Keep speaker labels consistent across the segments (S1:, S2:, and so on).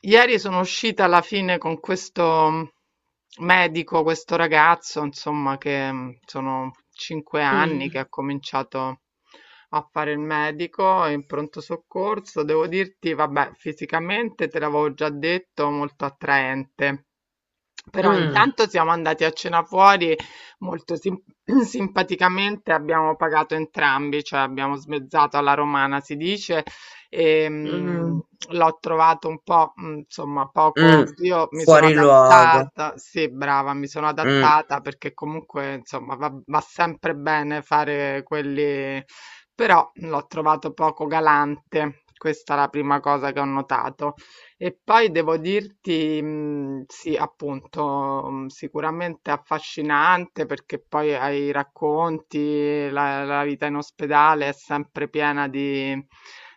S1: Ieri sono uscita alla fine con questo medico, questo ragazzo, insomma, che sono 5 anni che ha
S2: Mh,
S1: cominciato a fare il medico in pronto soccorso. Devo dirti, vabbè, fisicamente te l'avevo già detto, molto attraente. Però
S2: mh,
S1: intanto siamo andati a cena fuori molto simpaticamente, abbiamo pagato entrambi, cioè abbiamo smezzato alla romana, si dice.
S2: mh,
S1: Ehm, L'ho trovato un po', insomma poco,
S2: mh.
S1: io mi sono
S2: Fuori luogo.
S1: adattata, sì, brava, mi sono
S2: Mh,
S1: adattata perché comunque insomma va sempre bene fare quelli. Però l'ho trovato poco galante. Questa è la prima cosa che ho notato. E poi devo dirti, sì, appunto, sicuramente affascinante, perché poi ai racconti, la vita in ospedale è sempre piena di,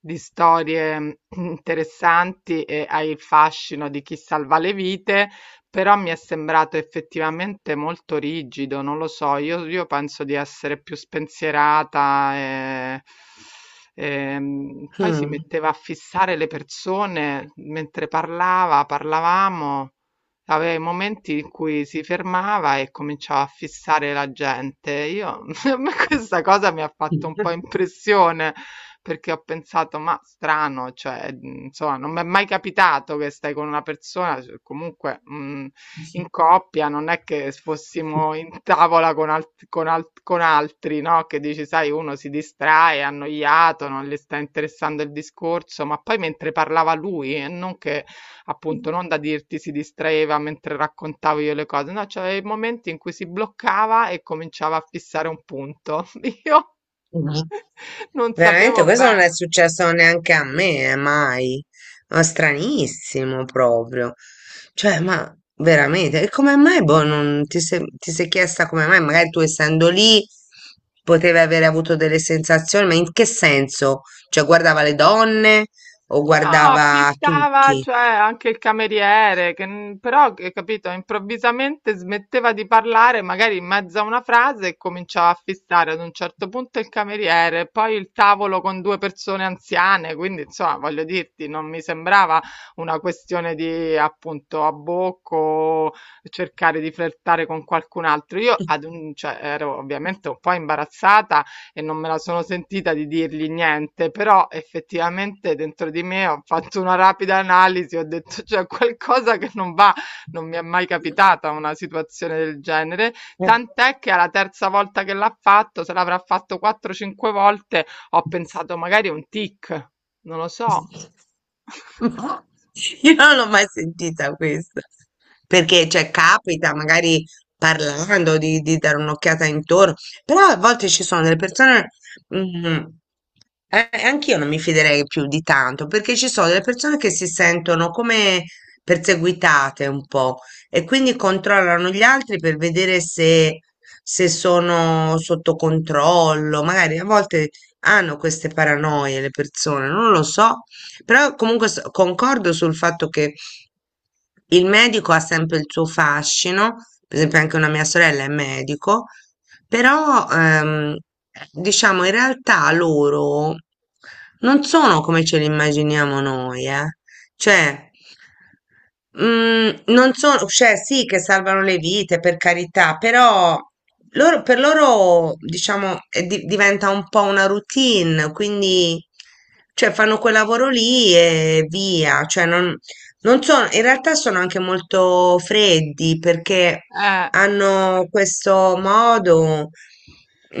S1: di storie interessanti, e hai il fascino di chi salva le vite. Però mi è sembrato effettivamente molto rigido, non lo so, io penso di essere più spensierata e, poi si
S2: mh,
S1: metteva a fissare le persone mentre parlavamo, aveva i momenti in cui si fermava e cominciava a fissare la gente. A me questa cosa mi ha fatto un po' impressione, perché ho pensato, ma strano, cioè, insomma, non mi è mai capitato. Che stai con una persona, cioè, comunque in coppia, non è che fossimo in tavola con altri, no? Che dici, sai, uno si distrae, è annoiato, non gli sta interessando il discorso, ma poi mentre parlava lui, e non che, appunto, non da dirti si distraeva mentre raccontavo io le cose, no, c'aveva i momenti in cui si bloccava e cominciava a fissare un punto. Io
S2: mh.
S1: non
S2: Veramente
S1: sapevo
S2: questo non è
S1: bene.
S2: successo neanche a me, mai. Ma stranissimo proprio. Cioè, ma veramente, e come mai, boh, non ti sei, ti sei chiesta come mai? Magari tu essendo lì potevi avere avuto delle sensazioni, ma in che senso? Cioè, guardava le donne o
S1: No,
S2: guardava
S1: pistava,
S2: tutti?
S1: cioè, anche il cameriere, che, però, che, capito, improvvisamente smetteva di parlare, magari in mezzo a una frase, e cominciava a fissare ad un certo punto il cameriere, poi il tavolo con 2 persone anziane, quindi, insomma, voglio dirti, non mi sembrava una questione di, appunto, a bocco, cercare di flirtare con qualcun altro. Io, cioè, ero ovviamente un po' imbarazzata e non me la sono sentita di dirgli niente, però effettivamente dentro di me ho fatto una rapida analisi, ho detto c'è qualcosa che non va, non mi è mai capitata una situazione del genere, tant'è che alla terza volta che l'ha fatto, se l'avrà fatto 4-5 volte, ho pensato magari è un tic, non lo so.
S2: No, io non l'ho mai sentita questa, perché cioè, capita magari parlando di, dare un'occhiata intorno, però a volte ci sono delle persone, mm, anch'io non mi fiderei più di tanto, perché ci sono delle persone che si sentono come perseguitate un po' e quindi controllano gli altri per vedere se sono sotto controllo, magari a volte hanno queste paranoie le persone, non lo so. Però comunque concordo sul fatto che il medico ha sempre il suo fascino, per esempio anche una mia sorella è medico, però diciamo in realtà loro non sono come ce li immaginiamo noi, eh. Cioè, non sono, cioè sì che salvano le vite per carità, però loro, per loro diciamo diventa un po' una routine, quindi cioè, fanno quel lavoro lì e via, cioè non, sono, in realtà sono anche molto freddi perché
S1: Eh.
S2: hanno questo modo,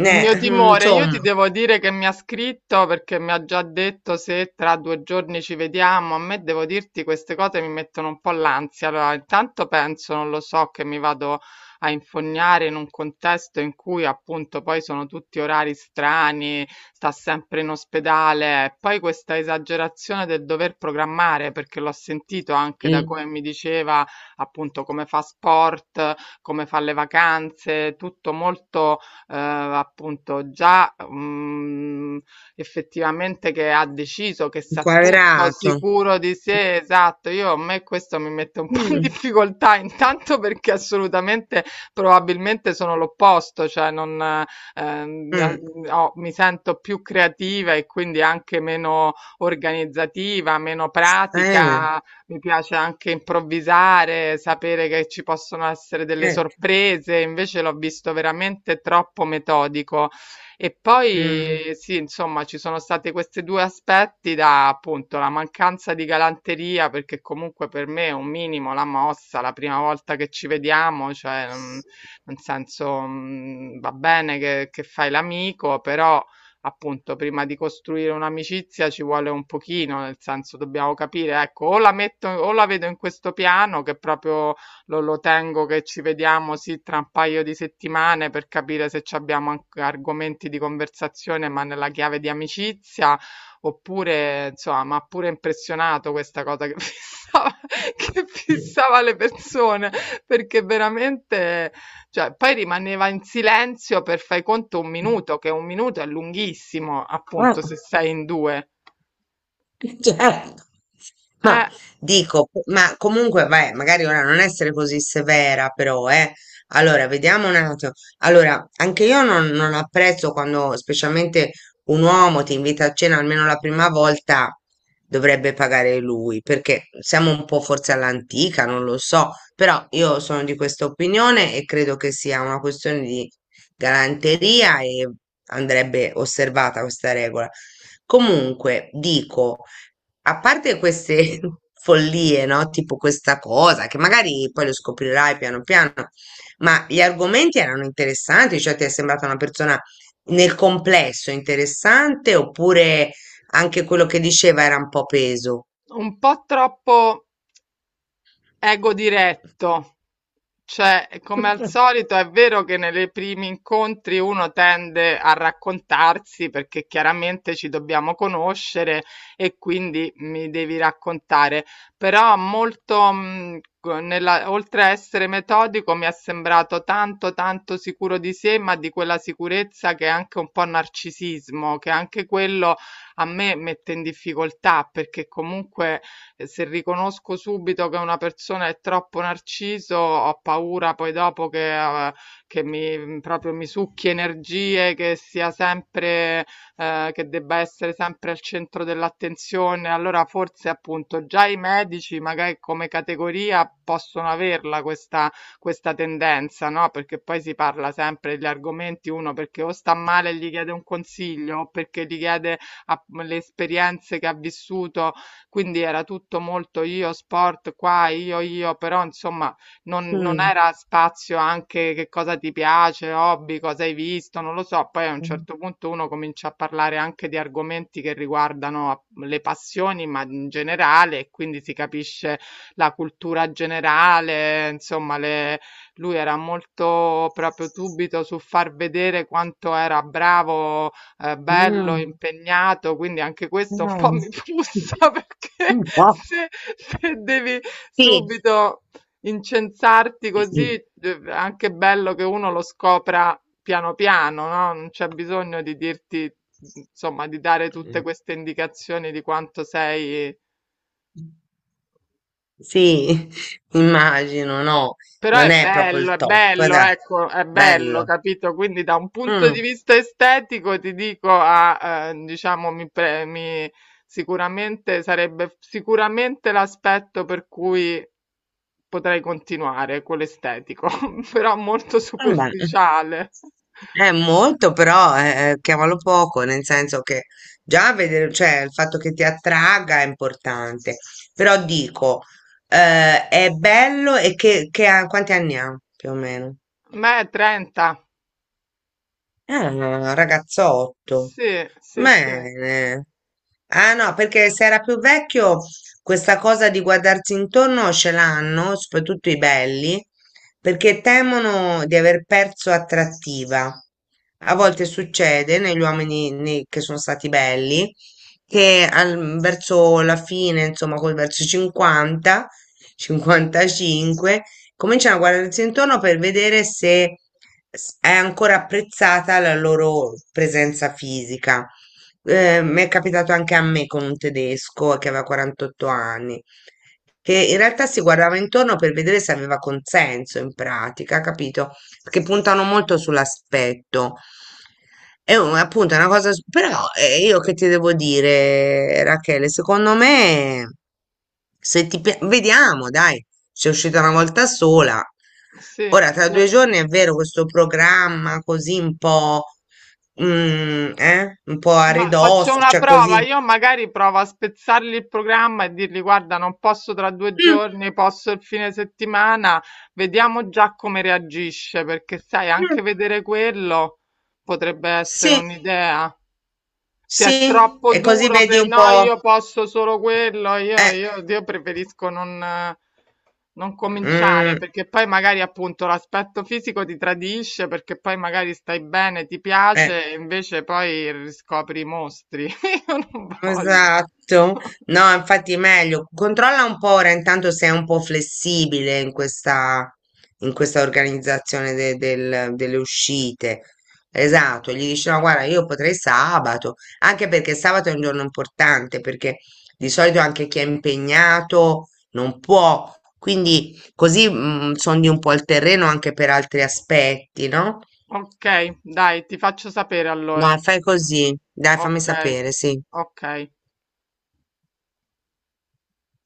S1: Il mio timore, io
S2: insomma,
S1: ti devo dire, che mi ha scritto, perché mi ha già detto se tra 2 giorni ci vediamo. A me, devo dirti, queste cose mi mettono un po' l'ansia. Allora, intanto penso, non lo so, che mi vado a infognare in un contesto in cui appunto poi sono tutti orari strani, sta sempre in ospedale. E poi questa esagerazione del dover programmare, perché l'ho sentito anche da
S2: mm,
S1: come mi diceva, appunto, come fa sport, come fa le vacanze, tutto molto, appunto, già effettivamente, che ha deciso, che sa tutto,
S2: inquadrato.
S1: sicuro di sé, esatto. Io, a me questo mi mette un po' in
S2: Mm,
S1: difficoltà, intanto perché assolutamente, probabilmente sono l'opposto, cioè non, eh, mi,
S2: mm,
S1: mi sento più creativa e quindi anche meno organizzativa, meno
S2: eh.
S1: pratica, mi piace anche improvvisare, sapere che ci possono essere delle
S2: Certo.
S1: sorprese, invece l'ho visto veramente troppo metodico. E
S2: Mh.
S1: poi sì, insomma, ci sono stati questi due aspetti, da, appunto, la mancanza di galanteria, perché comunque per me è un minimo, la mossa, la prima volta che ci vediamo, cioè,
S2: Sì.
S1: nel senso, va bene che fai l'amico, però appunto prima di costruire un'amicizia ci vuole un pochino, nel senso dobbiamo capire, ecco, o la metto, o la vedo in questo piano che proprio lo tengo, che ci vediamo sì tra un paio di settimane per capire se ci abbiamo anche argomenti di conversazione, ma nella chiave di amicizia, oppure, insomma, mi ha pure impressionato questa cosa che fissava, che fissava le persone, perché veramente, cioè, poi rimaneva in silenzio per fai conto un minuto, che un minuto è lunghissimo,
S2: Ah.
S1: appunto, se sei in due.
S2: Certo.
S1: È
S2: Ma dico, ma comunque, vai, magari ora non essere così severa, però, eh. Allora, vediamo un attimo. Allora, anche io non apprezzo quando, specialmente un uomo ti invita a cena almeno la prima volta, dovrebbe pagare lui, perché siamo un po' forse all'antica, non lo so, però io sono di questa opinione e credo che sia una questione di galanteria e andrebbe osservata questa regola. Comunque, dico. A parte queste follie, no? Tipo questa cosa, che magari poi lo scoprirai piano piano, ma gli argomenti erano interessanti, cioè ti è sembrata una persona nel complesso interessante, oppure anche quello che diceva era un po' peso?
S1: un po' troppo ego diretto. Cioè, come al solito, è vero che nei primi incontri uno tende a raccontarsi, perché chiaramente ci dobbiamo conoscere e quindi mi devi raccontare, però molto, oltre a essere metodico, mi è sembrato tanto, tanto sicuro di sé, ma di quella sicurezza che è anche un po' narcisismo, che anche quello a me mette in difficoltà, perché comunque, e se riconosco subito che una persona è troppo narciso, ho paura poi dopo eh, che mi proprio mi succhi energie, che sia sempre, che debba essere sempre al centro dell'attenzione. Allora forse, appunto, già i medici, magari come categoria, possono averla questa, questa, tendenza, no? Perché poi si parla sempre degli argomenti, uno perché o sta male e gli chiede un consiglio, o perché gli chiede le esperienze che ha vissuto, quindi era tutto molto io, sport qua, io, però insomma non
S2: Mm.
S1: era spazio anche che cosa ti piace, hobby, cosa hai visto, non lo so. Poi a un
S2: Mm.
S1: certo punto uno comincia a parlare anche di argomenti che riguardano le passioni, ma in generale, e quindi si capisce la cultura generale, insomma, lui era molto proprio subito su far vedere quanto era bravo, bello, impegnato, quindi anche questo un po'
S2: Mm.
S1: mi frustra,
S2: Un
S1: perché
S2: po'.
S1: se, se devi
S2: Sì.
S1: subito incensarti così, è anche bello che uno lo scopra piano piano, no? Non c'è bisogno di dirti, insomma, di dare tutte queste indicazioni di quanto sei.
S2: Sì, immagino, no,
S1: Però
S2: non è proprio il
S1: è
S2: top,
S1: bello,
S2: dai,
S1: ecco, è bello,
S2: bello.
S1: capito? Quindi da un punto di
S2: Mm,
S1: vista estetico ti dico, ah, diciamo, sicuramente sarebbe, sicuramente l'aspetto per cui potrei continuare, quello estetico, però molto
S2: Vabbè,
S1: superficiale.
S2: è molto, però chiamalo poco, nel senso che già vedere, cioè il fatto che ti attragga è importante, però dico, è bello e che quanti anni ha più o meno?
S1: Beh, 30,
S2: Ah, ragazzotto.
S1: sì, sì, sì,
S2: Bene. Ah no, perché se era più vecchio questa cosa di guardarsi intorno ce l'hanno, soprattutto i belli, perché temono di aver perso attrattiva. A
S1: mm,
S2: volte succede negli uomini che sono stati belli che verso la fine, insomma, col verso i 50, 55, cominciano a guardarsi intorno per vedere se è ancora apprezzata la loro presenza fisica. Mi è capitato anche a me con un tedesco che aveva 48 anni, che in realtà si guardava intorno per vedere se aveva consenso in pratica, capito? Perché puntano molto sull'aspetto. Appunto è una cosa, però io che ti devo dire, Rachele, secondo me. Se ti pia- vediamo, dai, sei uscita una volta sola.
S1: sì,
S2: Ora, tra due giorni è vero, questo programma così un po', un po' a
S1: ma faccio
S2: ridosso,
S1: una
S2: cioè
S1: prova,
S2: così.
S1: io magari provo a spezzargli il programma e dirgli, guarda, non posso tra due
S2: Mm,
S1: giorni, posso il fine settimana, vediamo già come reagisce, perché sai, anche
S2: mm,
S1: vedere quello potrebbe essere
S2: sì,
S1: un'idea. Se è
S2: sì,
S1: troppo
S2: e così
S1: duro,
S2: vedi
S1: per
S2: un
S1: no,
S2: po',
S1: io posso solo quello, io,
S2: eh,
S1: io, io preferisco non cominciare,
S2: mm,
S1: perché poi magari, appunto, l'aspetto fisico ti tradisce, perché poi magari stai bene, ti
S2: eh.
S1: piace e invece poi riscopri i mostri. Io non voglio.
S2: Esatto, no, infatti è meglio. Controlla un po' ora intanto se è un po' flessibile in questa, organizzazione delle uscite. Esatto, gli dici no, guarda, io potrei sabato, anche perché sabato è un giorno importante, perché di solito anche chi è impegnato non può, quindi così sondi un po' il terreno anche per altri aspetti, no?
S1: Ok, dai, ti faccio sapere allora.
S2: Dai, fai così, dai, fammi
S1: Ok,
S2: sapere, sì.
S1: ok.